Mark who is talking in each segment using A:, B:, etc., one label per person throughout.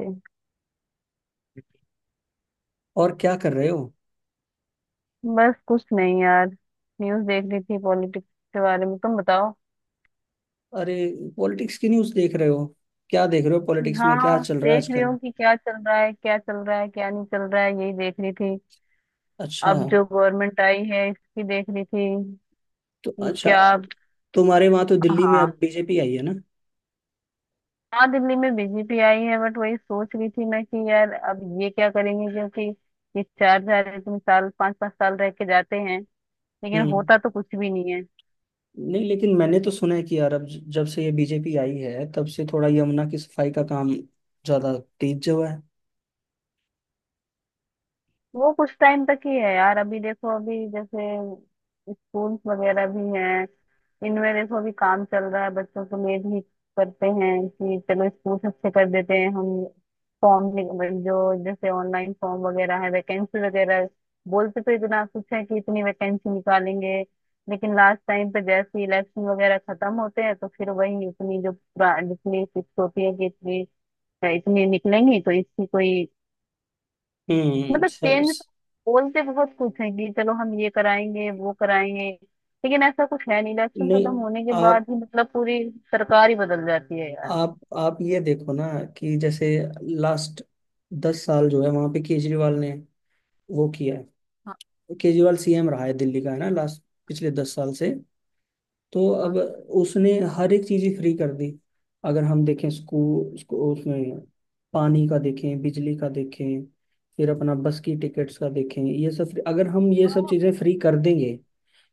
A: Okay.
B: और क्या कर रहे हो।
A: बस कुछ नहीं यार, न्यूज़ देख रही थी पॉलिटिक्स के बारे में। तुम बताओ।
B: अरे, पॉलिटिक्स की न्यूज़ देख रहे हो? क्या देख रहे हो, पॉलिटिक्स में क्या
A: हाँ,
B: चल रहा है
A: देख रही
B: आजकल?
A: हूँ कि क्या चल रहा है क्या चल रहा है क्या नहीं चल रहा है, यही देख रही थी।
B: अच्छा।
A: अब जो गवर्नमेंट आई है इसकी देख रही थी
B: तो
A: कि
B: अच्छा,
A: क्या।
B: तुम्हारे वहां तो दिल्ली में अब
A: हाँ,
B: बीजेपी आई है ना।
A: हाँ, दिल्ली में बीजेपी आई है बट वही सोच रही थी मैं कि यार अब ये क्या करेंगे क्योंकि ये चार चार इतने साल पांच पांच साल रह के जाते हैं लेकिन
B: हम्म।
A: होता तो कुछ भी नहीं है।
B: नहीं, लेकिन मैंने तो सुना है कि यार अब जब से ये बीजेपी आई है तब से थोड़ा यमुना की सफाई का काम ज्यादा तेज हुआ है।
A: वो कुछ टाइम तक ही है यार। अभी देखो, अभी जैसे स्कूल्स वगैरह भी हैं, इनमें देखो अभी काम चल रहा है। बच्चों को मेड ही करते हैं कि चलो स्कूल अच्छे कर देते हैं हम। फॉर्म जो, जैसे ऑनलाइन फॉर्म वगैरह है, वैकेंसी वगैरह। बोलते तो इतना कुछ है कि इतनी वैकेंसी निकालेंगे लेकिन लास्ट टाइम पे जैसे इलेक्शन वगैरह खत्म होते हैं तो फिर वही इतनी जो जितनी फिक्स होती है कि इतनी इतनी निकलेंगी तो इसकी कोई
B: हम्म।
A: मतलब चेंज।
B: स-
A: बोलते बहुत कुछ है कि चलो हम ये कराएंगे वो कराएंगे लेकिन ऐसा कुछ है नहीं। इलेक्शन
B: नहीं,
A: खत्म होने के
B: आप
A: बाद ही मतलब पूरी सरकार ही बदल जाती है यार।
B: आप ये देखो ना, कि जैसे लास्ट 10 साल जो है वहां पे केजरीवाल ने वो किया है।
A: हाँ,
B: केजरीवाल सीएम रहा है दिल्ली का, है ना, लास्ट पिछले 10 साल से। तो अब
A: हाँ,
B: उसने हर एक चीज ही फ्री कर दी। अगर हम देखें, स्कूल उसको उसमें, पानी का देखें, बिजली का देखें, फिर अपना बस की टिकट्स का देखें, ये सब अगर हम ये सब चीजें फ्री कर देंगे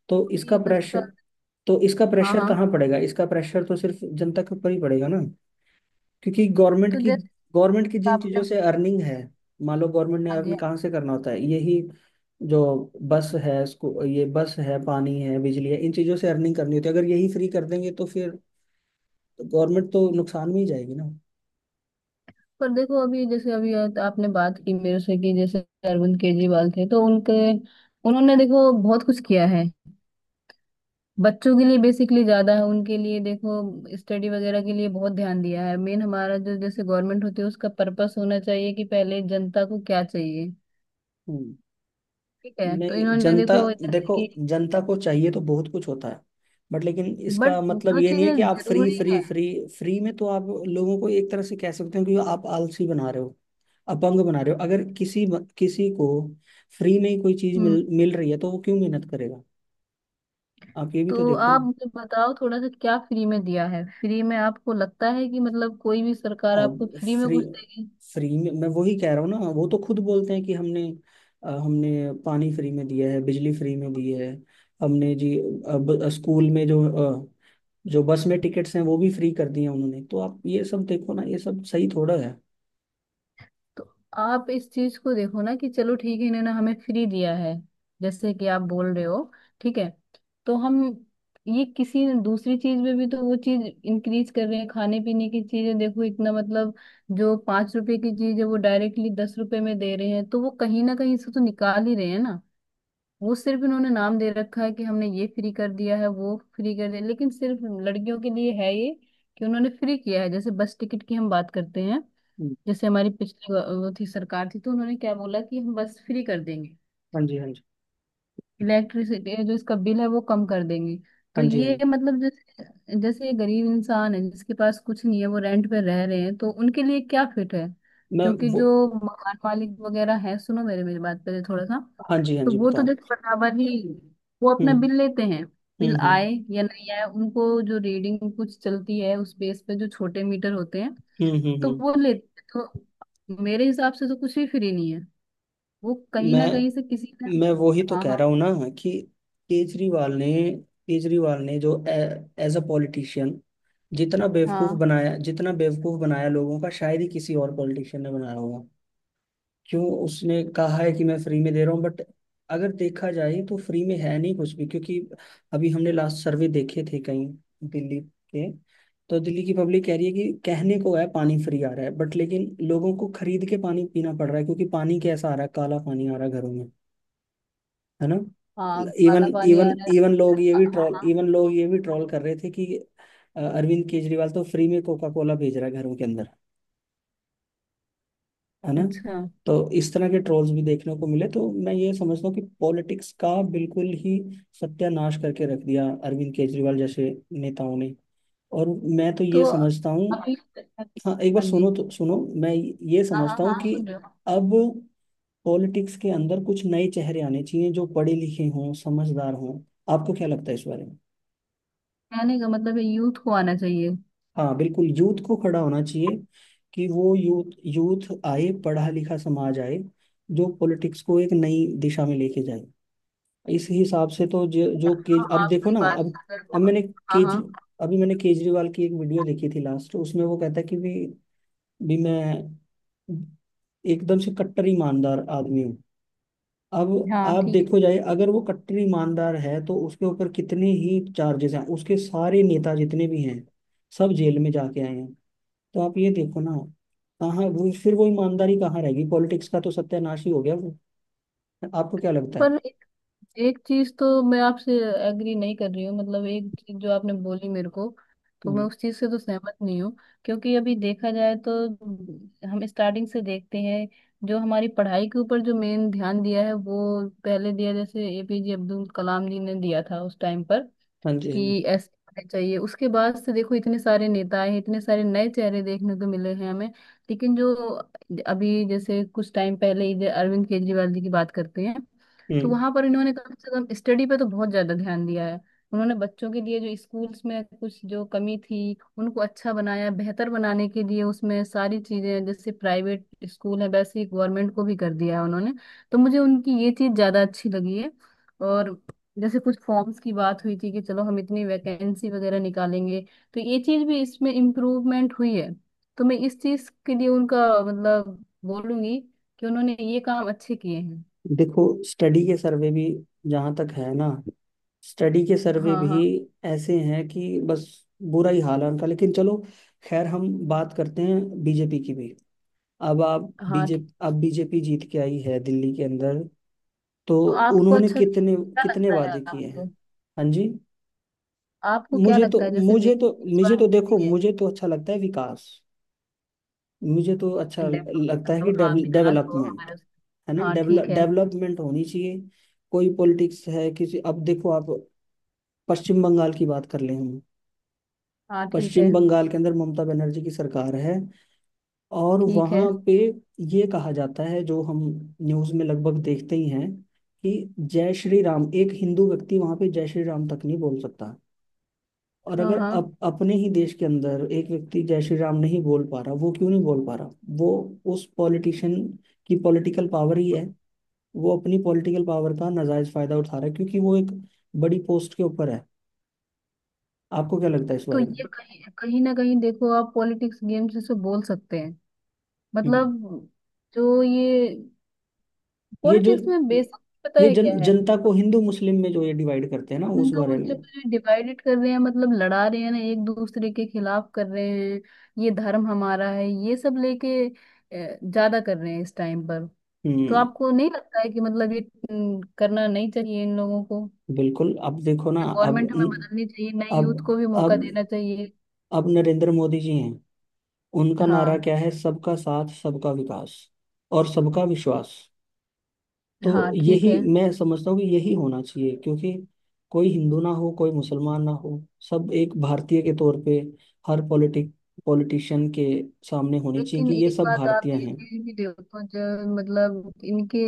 B: तो
A: ये
B: इसका
A: 10 साल।
B: प्रेशर तो इसका
A: हाँ,
B: प्रेशर
A: हाँ,
B: कहाँ पड़ेगा, इसका प्रेशर तो सिर्फ जनता के ऊपर ही पड़ेगा ना। क्योंकि गवर्नमेंट
A: तो
B: की
A: जैसे
B: गवर्नमेंट की जिन
A: आपने।
B: चीज़ों से अर्निंग है, मान लो गवर्नमेंट ने
A: हाँ
B: अर्न
A: जी।
B: कहाँ से करना होता है, यही जो बस है इसको, ये बस है, पानी है, बिजली है, इन चीज़ों से अर्निंग करनी होती है। अगर यही फ्री कर देंगे तो फिर गवर्नमेंट तो नुकसान में ही जाएगी ना।
A: पर देखो अभी, जैसे अभी आपने बात की मेरे से कि जैसे अरविंद केजरीवाल थे तो उनके उन्होंने देखो बहुत कुछ किया है बच्चों के लिए। बेसिकली ज्यादा है उनके लिए देखो, स्टडी वगैरह के लिए बहुत ध्यान दिया है। मेन हमारा जो जैसे गवर्नमेंट होती है उसका पर्पस होना चाहिए कि पहले जनता को क्या चाहिए।
B: हम्म।
A: ठीक है, तो
B: नहीं,
A: इन्होंने
B: जनता,
A: देखो जैसे
B: देखो,
A: कि।
B: जनता को चाहिए तो बहुत कुछ होता है, बट लेकिन
A: बट
B: इसका मतलब
A: जो
B: ये नहीं है कि
A: चीजें
B: आप फ्री
A: जरूरी
B: फ्री
A: है।
B: फ्री। फ्री में तो आप लोगों को एक तरह से कह सकते हो कि आप आलसी बना रहे हो, अपंग बना रहे हो। अगर किसी, किसी को फ्री में ही कोई चीज
A: हम्म।
B: मिल मिल रही है तो वो क्यों मेहनत करेगा? आप ये भी तो
A: तो
B: देखो
A: आप
B: ना।
A: मुझे बताओ थोड़ा सा, क्या फ्री में दिया है? फ्री में आपको लगता है कि मतलब कोई भी सरकार
B: और
A: आपको फ्री में
B: फ्री
A: कुछ देगी?
B: फ्री में मैं वही कह रहा हूँ ना, वो तो खुद बोलते हैं कि हमने हमने पानी फ्री में दिया है, बिजली फ्री में दी है, हमने जी स्कूल में जो जो बस में टिकट्स हैं वो भी फ्री कर दिए हैं उन्होंने। तो आप ये सब देखो ना, ये सब सही थोड़ा है।
A: तो आप इस चीज को देखो ना कि चलो ठीक है इन्होंने हमें फ्री दिया है जैसे कि आप बोल रहे हो, ठीक है। तो हम ये किसी दूसरी चीज में भी तो वो चीज इंक्रीज कर रहे हैं। खाने पीने की चीजें देखो, इतना मतलब जो 5 रुपए की चीज है वो डायरेक्टली 10 रुपए में दे रहे हैं तो वो कहीं ना कहीं से तो निकाल ही रहे हैं ना। वो सिर्फ इन्होंने नाम दे रखा है कि हमने ये फ्री कर दिया है वो फ्री कर दिया, लेकिन सिर्फ लड़कियों के लिए है ये कि उन्होंने फ्री किया है। जैसे बस टिकट की हम बात करते हैं,
B: हम्म,
A: जैसे हमारी पिछली वो थी सरकार थी तो उन्होंने क्या बोला कि हम बस फ्री कर देंगे,
B: हाँ जी, हाँ जी।
A: इलेक्ट्रिसिटी जो इसका बिल है वो कम कर देंगे। तो
B: हाँ जी, हाँ
A: ये
B: जी,
A: मतलब जैसे जैसे ये गरीब इंसान है जिसके पास कुछ नहीं है वो रेंट पे रह रहे हैं तो उनके लिए क्या फिट है?
B: मैं
A: क्योंकि
B: वो,
A: जो मकान मालिक वगैरह है, सुनो मेरे मेरी बात पहले थोड़ा सा।
B: हाँ जी, हाँ
A: तो
B: जी,
A: वो तो
B: बताओ।
A: देखो बराबर ही वो अपना
B: हम्म,
A: बिल लेते हैं।
B: हम्म,
A: बिल आए
B: हम्म,
A: या नहीं आए, उनको जो रीडिंग कुछ चलती है उस बेस पे, जो छोटे मीटर होते हैं
B: हम्म, हम्म,
A: तो वो लेते हैं। तो मेरे हिसाब से तो कुछ भी फ्री नहीं है, वो कहीं
B: मैं
A: ना कहीं से किसी ने।
B: मैं वही तो
A: हाँ,
B: कह
A: हाँ,
B: रहा हूँ ना, कि केजरीवाल ने केजरीवाल ने जो एज अ पॉलिटिशियन जितना बेवकूफ
A: हाँ।
B: बनाया, जितना बेवकूफ बनाया लोगों का, शायद ही किसी और पॉलिटिशियन ने बनाया होगा। क्यों उसने कहा है कि मैं फ्री में दे रहा हूँ, बट अगर देखा जाए तो फ्री में है नहीं कुछ भी, क्योंकि अभी हमने लास्ट सर्वे देखे थे कहीं, दिल्ली के। तो दिल्ली की पब्लिक कह रही है कि कहने को है पानी फ्री आ रहा है, बट लेकिन लोगों को खरीद के पानी पीना पड़ रहा है, क्योंकि पानी कैसा आ रहा है, काला पानी आ रहा है घरों में, है ना।
A: हाँ,
B: इवन
A: काला पानी
B: इवन
A: आ रहा
B: इवन
A: है।
B: लोग ये
A: हाँ,
B: भी
A: हाँ,
B: ट्रोल
A: हाँ।
B: इवन लोग ये भी ट्रोल कर रहे थे कि अरविंद केजरीवाल तो फ्री में कोका कोला भेज रहा है घरों के अंदर, है ना।
A: अच्छा।
B: तो इस तरह के ट्रोल्स भी देखने को मिले। तो मैं ये समझता हूँ कि पॉलिटिक्स का बिल्कुल ही सत्यानाश करके रख दिया अरविंद केजरीवाल जैसे नेताओं ने। और मैं तो
A: तो
B: ये समझता हूँ,
A: अभी।
B: हाँ एक बार
A: हाँ जी।
B: सुनो तो, सुनो मैं ये
A: हाँ, हाँ,
B: समझता हूँ
A: हाँ,
B: कि
A: सुन रहे हो।
B: अब पॉलिटिक्स के अंदर कुछ नए चेहरे आने चाहिए जो पढ़े लिखे हों, समझदार हों। आपको क्या लगता है इस बारे में?
A: कहने का मतलब है यूथ को आना चाहिए।
B: हाँ बिल्कुल, यूथ को खड़ा होना चाहिए, कि वो यूथ यूथ आए, पढ़ा लिखा समाज आए, जो पॉलिटिक्स को एक नई दिशा में लेके जाए। इस हिसाब से तो जो जो के,
A: हाँ,
B: अब देखो
A: आपकी
B: ना,
A: बात से
B: अब
A: बिल्कुल।
B: मैंने
A: हाँ,
B: केज
A: हाँ,
B: अभी मैंने केजरीवाल की एक वीडियो देखी थी लास्ट, उसमें वो कहता है कि भी मैं एकदम से कट्टर ईमानदार आदमी हूँ। अब
A: हाँ,
B: आप
A: ठीक है।
B: देखो जाए, अगर वो कट्टर ईमानदार है तो उसके ऊपर कितने ही चार्जेस हैं, उसके सारे नेता जितने भी हैं सब जेल में जाके आए हैं। तो आप ये देखो ना, कहाँ वो, फिर वो ईमानदारी कहाँ रहेगी, पॉलिटिक्स का तो सत्यानाश ही हो गया वो। आपको क्या लगता है?
A: पर एक चीज तो मैं आपसे एग्री नहीं कर रही हूँ, मतलब एक चीज जो आपने बोली मेरे को तो मैं
B: हम्म,
A: उस चीज से तो सहमत नहीं हूँ। क्योंकि अभी देखा जाए तो हम स्टार्टिंग से देखते हैं, जो हमारी पढ़ाई के ऊपर जो मेन ध्यान दिया है वो पहले दिया जैसे एपीजे अब्दुल कलाम जी ने दिया था उस टाइम पर
B: हाँ जी, हाँ जी।
A: कि ऐसे होने चाहिए। उसके बाद से देखो इतने सारे नेता आए, इतने सारे नए चेहरे देखने को मिले हैं हमें लेकिन जो अभी जैसे कुछ टाइम पहले ही, जो अरविंद केजरीवाल जी की बात करते हैं, तो
B: हम्म।
A: वहां पर इन्होंने कम से कम स्टडी पे तो बहुत ज्यादा ध्यान दिया है। उन्होंने बच्चों के लिए जो स्कूल्स में कुछ जो कमी थी उनको अच्छा बनाया, बेहतर बनाने के लिए उसमें सारी चीजें जैसे प्राइवेट स्कूल है वैसे ही गवर्नमेंट को भी कर दिया है उन्होंने। तो मुझे उनकी ये चीज ज्यादा अच्छी लगी है। और जैसे कुछ फॉर्म्स की बात हुई थी कि चलो हम इतनी वैकेंसी वगैरह निकालेंगे तो ये चीज भी इसमें इम्प्रूवमेंट हुई है। तो मैं इस चीज के लिए उनका मतलब बोलूंगी कि उन्होंने ये काम अच्छे किए हैं।
B: देखो, स्टडी के सर्वे भी जहाँ तक है ना, स्टडी के सर्वे
A: हाँ,
B: भी
A: हाँ,
B: ऐसे हैं कि बस, बुरा ही हाल है उनका। लेकिन चलो, खैर हम बात करते हैं बीजेपी की भी। अब आप
A: हाँ, ठीक।
B: बीजेपी अब बीजेपी जीत के आई है दिल्ली के अंदर, तो
A: तो आपको
B: उन्होंने
A: अच्छा
B: कितने,
A: क्या
B: कितने
A: लगता है
B: वादे किए हैं।
A: आपको?
B: हाँ जी।
A: आपको क्या
B: मुझे तो
A: लगता है जैसे वे
B: मुझे तो
A: इस बार
B: मुझे तो देखो,
A: किसके लिए?
B: मुझे तो अच्छा लगता है विकास, मुझे तो अच्छा
A: डेवलप,
B: लगता है कि
A: मतलब हाँ, विकास हो
B: डेवलपमेंट,
A: हमारे।
B: है ना,
A: हाँ, ठीक है।
B: डेवलपमेंट होनी चाहिए। कोई पॉलिटिक्स है, किसी, अब देखो आप पश्चिम बंगाल की बात कर लें हम।
A: हाँ, ठीक
B: पश्चिम
A: है।
B: बंगाल के अंदर ममता बनर्जी की सरकार है, और
A: ठीक
B: वहाँ
A: है।
B: पे ये कहा जाता है, जो हम न्यूज़ में लगभग देखते ही हैं, कि जय श्री राम, एक हिंदू व्यक्ति वहाँ पे जय श्री राम तक नहीं बोल सकता। और
A: हाँ,
B: अगर
A: हाँ।
B: अपने ही देश के अंदर एक व्यक्ति जय श्री राम नहीं बोल पा रहा, वो क्यों नहीं बोल पा रहा, वो उस पॉलिटिशियन की पॉलिटिकल पावर ही है। वो अपनी पॉलिटिकल पावर का नाजायज फायदा उठा रहा है, क्योंकि वो एक बड़ी पोस्ट के ऊपर है। आपको क्या लगता है इस
A: तो
B: बारे में?
A: ये कहीं कहीं ना कहीं देखो आप पॉलिटिक्स गेम्स इसे बोल सकते हैं,
B: हम्म।
A: मतलब जो ये
B: ये जो
A: पॉलिटिक्स में बेसिक पता
B: ये
A: है
B: जन
A: क्या है।
B: जनता को हिंदू मुस्लिम में जो ये डिवाइड करते हैं ना,
A: हम
B: उस
A: तो
B: बारे में।
A: मतलब डिवाइडेड कर रहे हैं, मतलब लड़ा रहे हैं ना एक दूसरे के खिलाफ कर रहे हैं। ये धर्म हमारा है, ये सब लेके ज्यादा कर रहे हैं इस टाइम पर। तो
B: हम्म।
A: आपको नहीं लगता है कि मतलब ये करना नहीं चाहिए इन लोगों को?
B: बिल्कुल, अब देखो ना, अब
A: गवर्नमेंट हमें बदलनी चाहिए, नई
B: अब
A: यूथ को भी मौका
B: अब
A: देना चाहिए।
B: अब नरेंद्र मोदी जी हैं, उनका नारा
A: हाँ,
B: क्या है, सबका साथ सबका विकास, और सबका विश्वास। तो
A: हाँ, ठीक
B: यही
A: है।
B: मैं समझता हूँ कि यही होना चाहिए, क्योंकि कोई हिंदू ना हो, कोई मुसलमान ना हो, सब एक भारतीय के तौर पे हर पॉलिटिक पॉलिटिशियन के सामने होनी चाहिए
A: लेकिन
B: कि ये
A: एक
B: सब
A: बात आप
B: भारतीय
A: ये
B: हैं।
A: भी देखो, जब मतलब इनके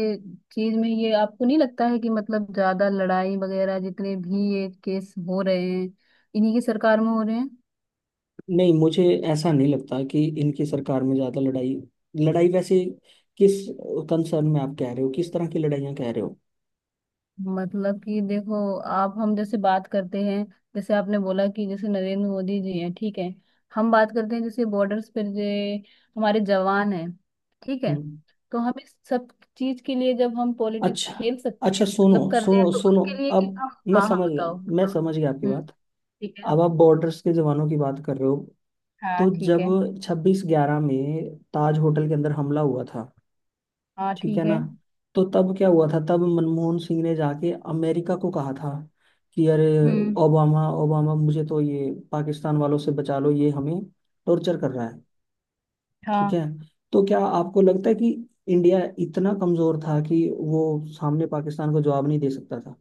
A: चीज में, ये आपको नहीं लगता है कि मतलब ज्यादा लड़ाई वगैरह जितने भी ये केस हो रहे हैं इन्हीं की सरकार में हो रहे हैं?
B: नहीं, मुझे ऐसा नहीं लगता कि इनकी सरकार में ज़्यादा लड़ाई लड़ाई वैसे किस कंसर्न में आप कह रहे हो, किस तरह की लड़ाइयाँ कह रहे हो?
A: मतलब कि देखो, आप हम जैसे बात करते हैं जैसे आपने बोला कि जैसे नरेंद्र मोदी जी हैं, ठीक है। हम बात करते हैं जैसे बॉर्डर्स पर जो हमारे जवान हैं, ठीक है।
B: हम्म।
A: तो हम इस सब चीज के लिए जब हम पॉलिटिक्स
B: अच्छा,
A: खेल सकते
B: अच्छा,
A: हैं,
B: सुनो,
A: मतलब कर रहे हैं
B: सुनो,
A: तो
B: सुनो,
A: उसके लिए कि
B: अब
A: हम
B: मैं
A: हाँ हाँ
B: समझ गया,
A: बताओ
B: मैं
A: हाँ।
B: समझ गया आपकी
A: हम्म।
B: बात।
A: ठीक है।
B: अब आप बॉर्डर्स के जवानों की बात कर रहे हो।
A: हाँ,
B: तो
A: ठीक है।
B: जब 26/11 में ताज होटल के अंदर हमला हुआ था,
A: हाँ,
B: ठीक है
A: ठीक
B: ना,
A: है।
B: तो तब क्या हुआ था, तब मनमोहन सिंह ने जाके अमेरिका को कहा था कि अरे
A: हम्म।
B: ओबामा, ओबामा मुझे तो ये पाकिस्तान वालों से बचा लो, ये हमें टॉर्चर कर रहा है। ठीक
A: हाँ,
B: है। तो क्या आपको लगता है कि इंडिया इतना कमजोर था कि वो सामने पाकिस्तान को जवाब नहीं दे सकता,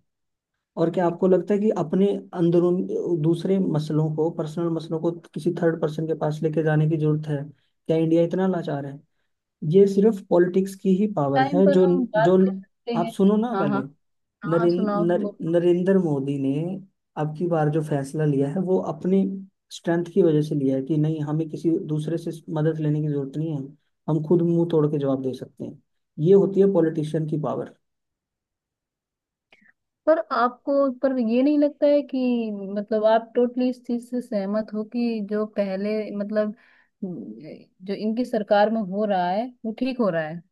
B: और क्या आपको लगता है कि अपने अंदरून दूसरे मसलों को, पर्सनल मसलों को किसी थर्ड पर्सन के पास लेके जाने की जरूरत है? क्या इंडिया इतना लाचार है? ये सिर्फ पॉलिटिक्स की ही पावर
A: टाइम
B: है
A: पर
B: जो
A: हम
B: जो
A: बात कर सकते
B: आप
A: हैं।
B: सुनो ना
A: हाँ,
B: पहले,
A: हाँ, हाँ,
B: नरें,
A: सुनाओ बोलो।
B: नरेंद्र मोदी ने अब की बार जो फैसला लिया है वो अपने स्ट्रेंथ की वजह से लिया है, कि नहीं हमें किसी दूसरे से मदद लेने की जरूरत नहीं है, हम खुद मुंह तोड़ के जवाब दे सकते हैं। ये होती है पॉलिटिशियन की पावर।
A: पर आपको, पर ये नहीं लगता है कि मतलब आप टोटली इस चीज से सहमत हो कि जो पहले, मतलब जो इनकी सरकार में हो रहा है वो ठीक हो रहा है?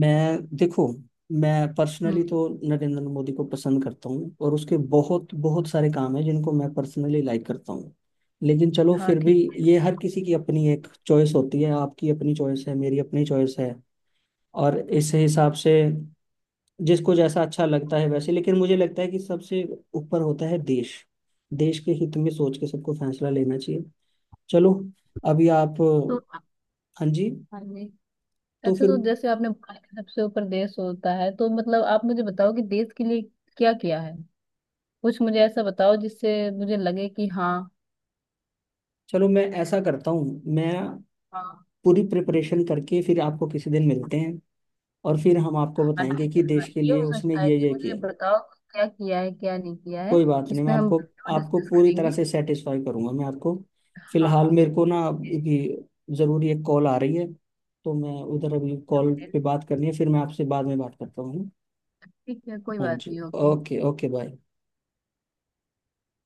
B: मैं देखो, मैं
A: हम्म।
B: पर्सनली तो नरेंद्र मोदी को पसंद करता हूँ, और उसके बहुत बहुत सारे काम हैं जिनको मैं पर्सनली लाइक करता हूँ। लेकिन चलो
A: हाँ,
B: फिर भी,
A: ठीक है।
B: ये हर किसी की अपनी एक चॉइस होती है, आपकी अपनी चॉइस है, मेरी अपनी चॉइस है, और इस हिसाब से जिसको जैसा अच्छा लगता है वैसे, लेकिन मुझे लगता है कि सबसे ऊपर होता है देश। देश के हित में सोच के सबको फैसला लेना चाहिए। चलो, अभी आप,
A: तो।
B: हाँ जी,
A: हाँ जी।
B: तो
A: अच्छा,
B: फिर,
A: तो जैसे आपने बोला कि सबसे ऊपर देश होता है, तो मतलब आप मुझे बताओ कि देश के लिए क्या किया है? कुछ मुझे ऐसा बताओ जिससे मुझे लगे कि हाँ।
B: चलो मैं ऐसा करता हूँ, मैं
A: हाँ।
B: पूरी प्रिपरेशन करके फिर आपको किसी दिन मिलते हैं, और फिर हम आपको
A: हाँ,
B: बताएंगे
A: ठीक
B: कि
A: है। हाँ,
B: देश के
A: ये
B: लिए
A: हो
B: उसने
A: सकता है कि
B: ये
A: मुझे
B: किया।
A: बताओ क्या किया है क्या नहीं किया है,
B: कोई बात नहीं, मैं
A: इसमें हम
B: आपको आपको
A: डिस्कस
B: पूरी तरह
A: करेंगे।
B: से सेटिस्फाई करूंगा। मैं आपको
A: हाँ।
B: फिलहाल मेरे को ना,
A: ओके।
B: अभी ज़रूरी एक कॉल आ रही है, तो मैं उधर अभी कॉल
A: ओके,
B: पे बात करनी है, फिर मैं आपसे बाद में बात करता हूँ।
A: ठीक है, कोई
B: हाँ
A: बात
B: जी,
A: नहीं। ओके।
B: Okay, okay, bye.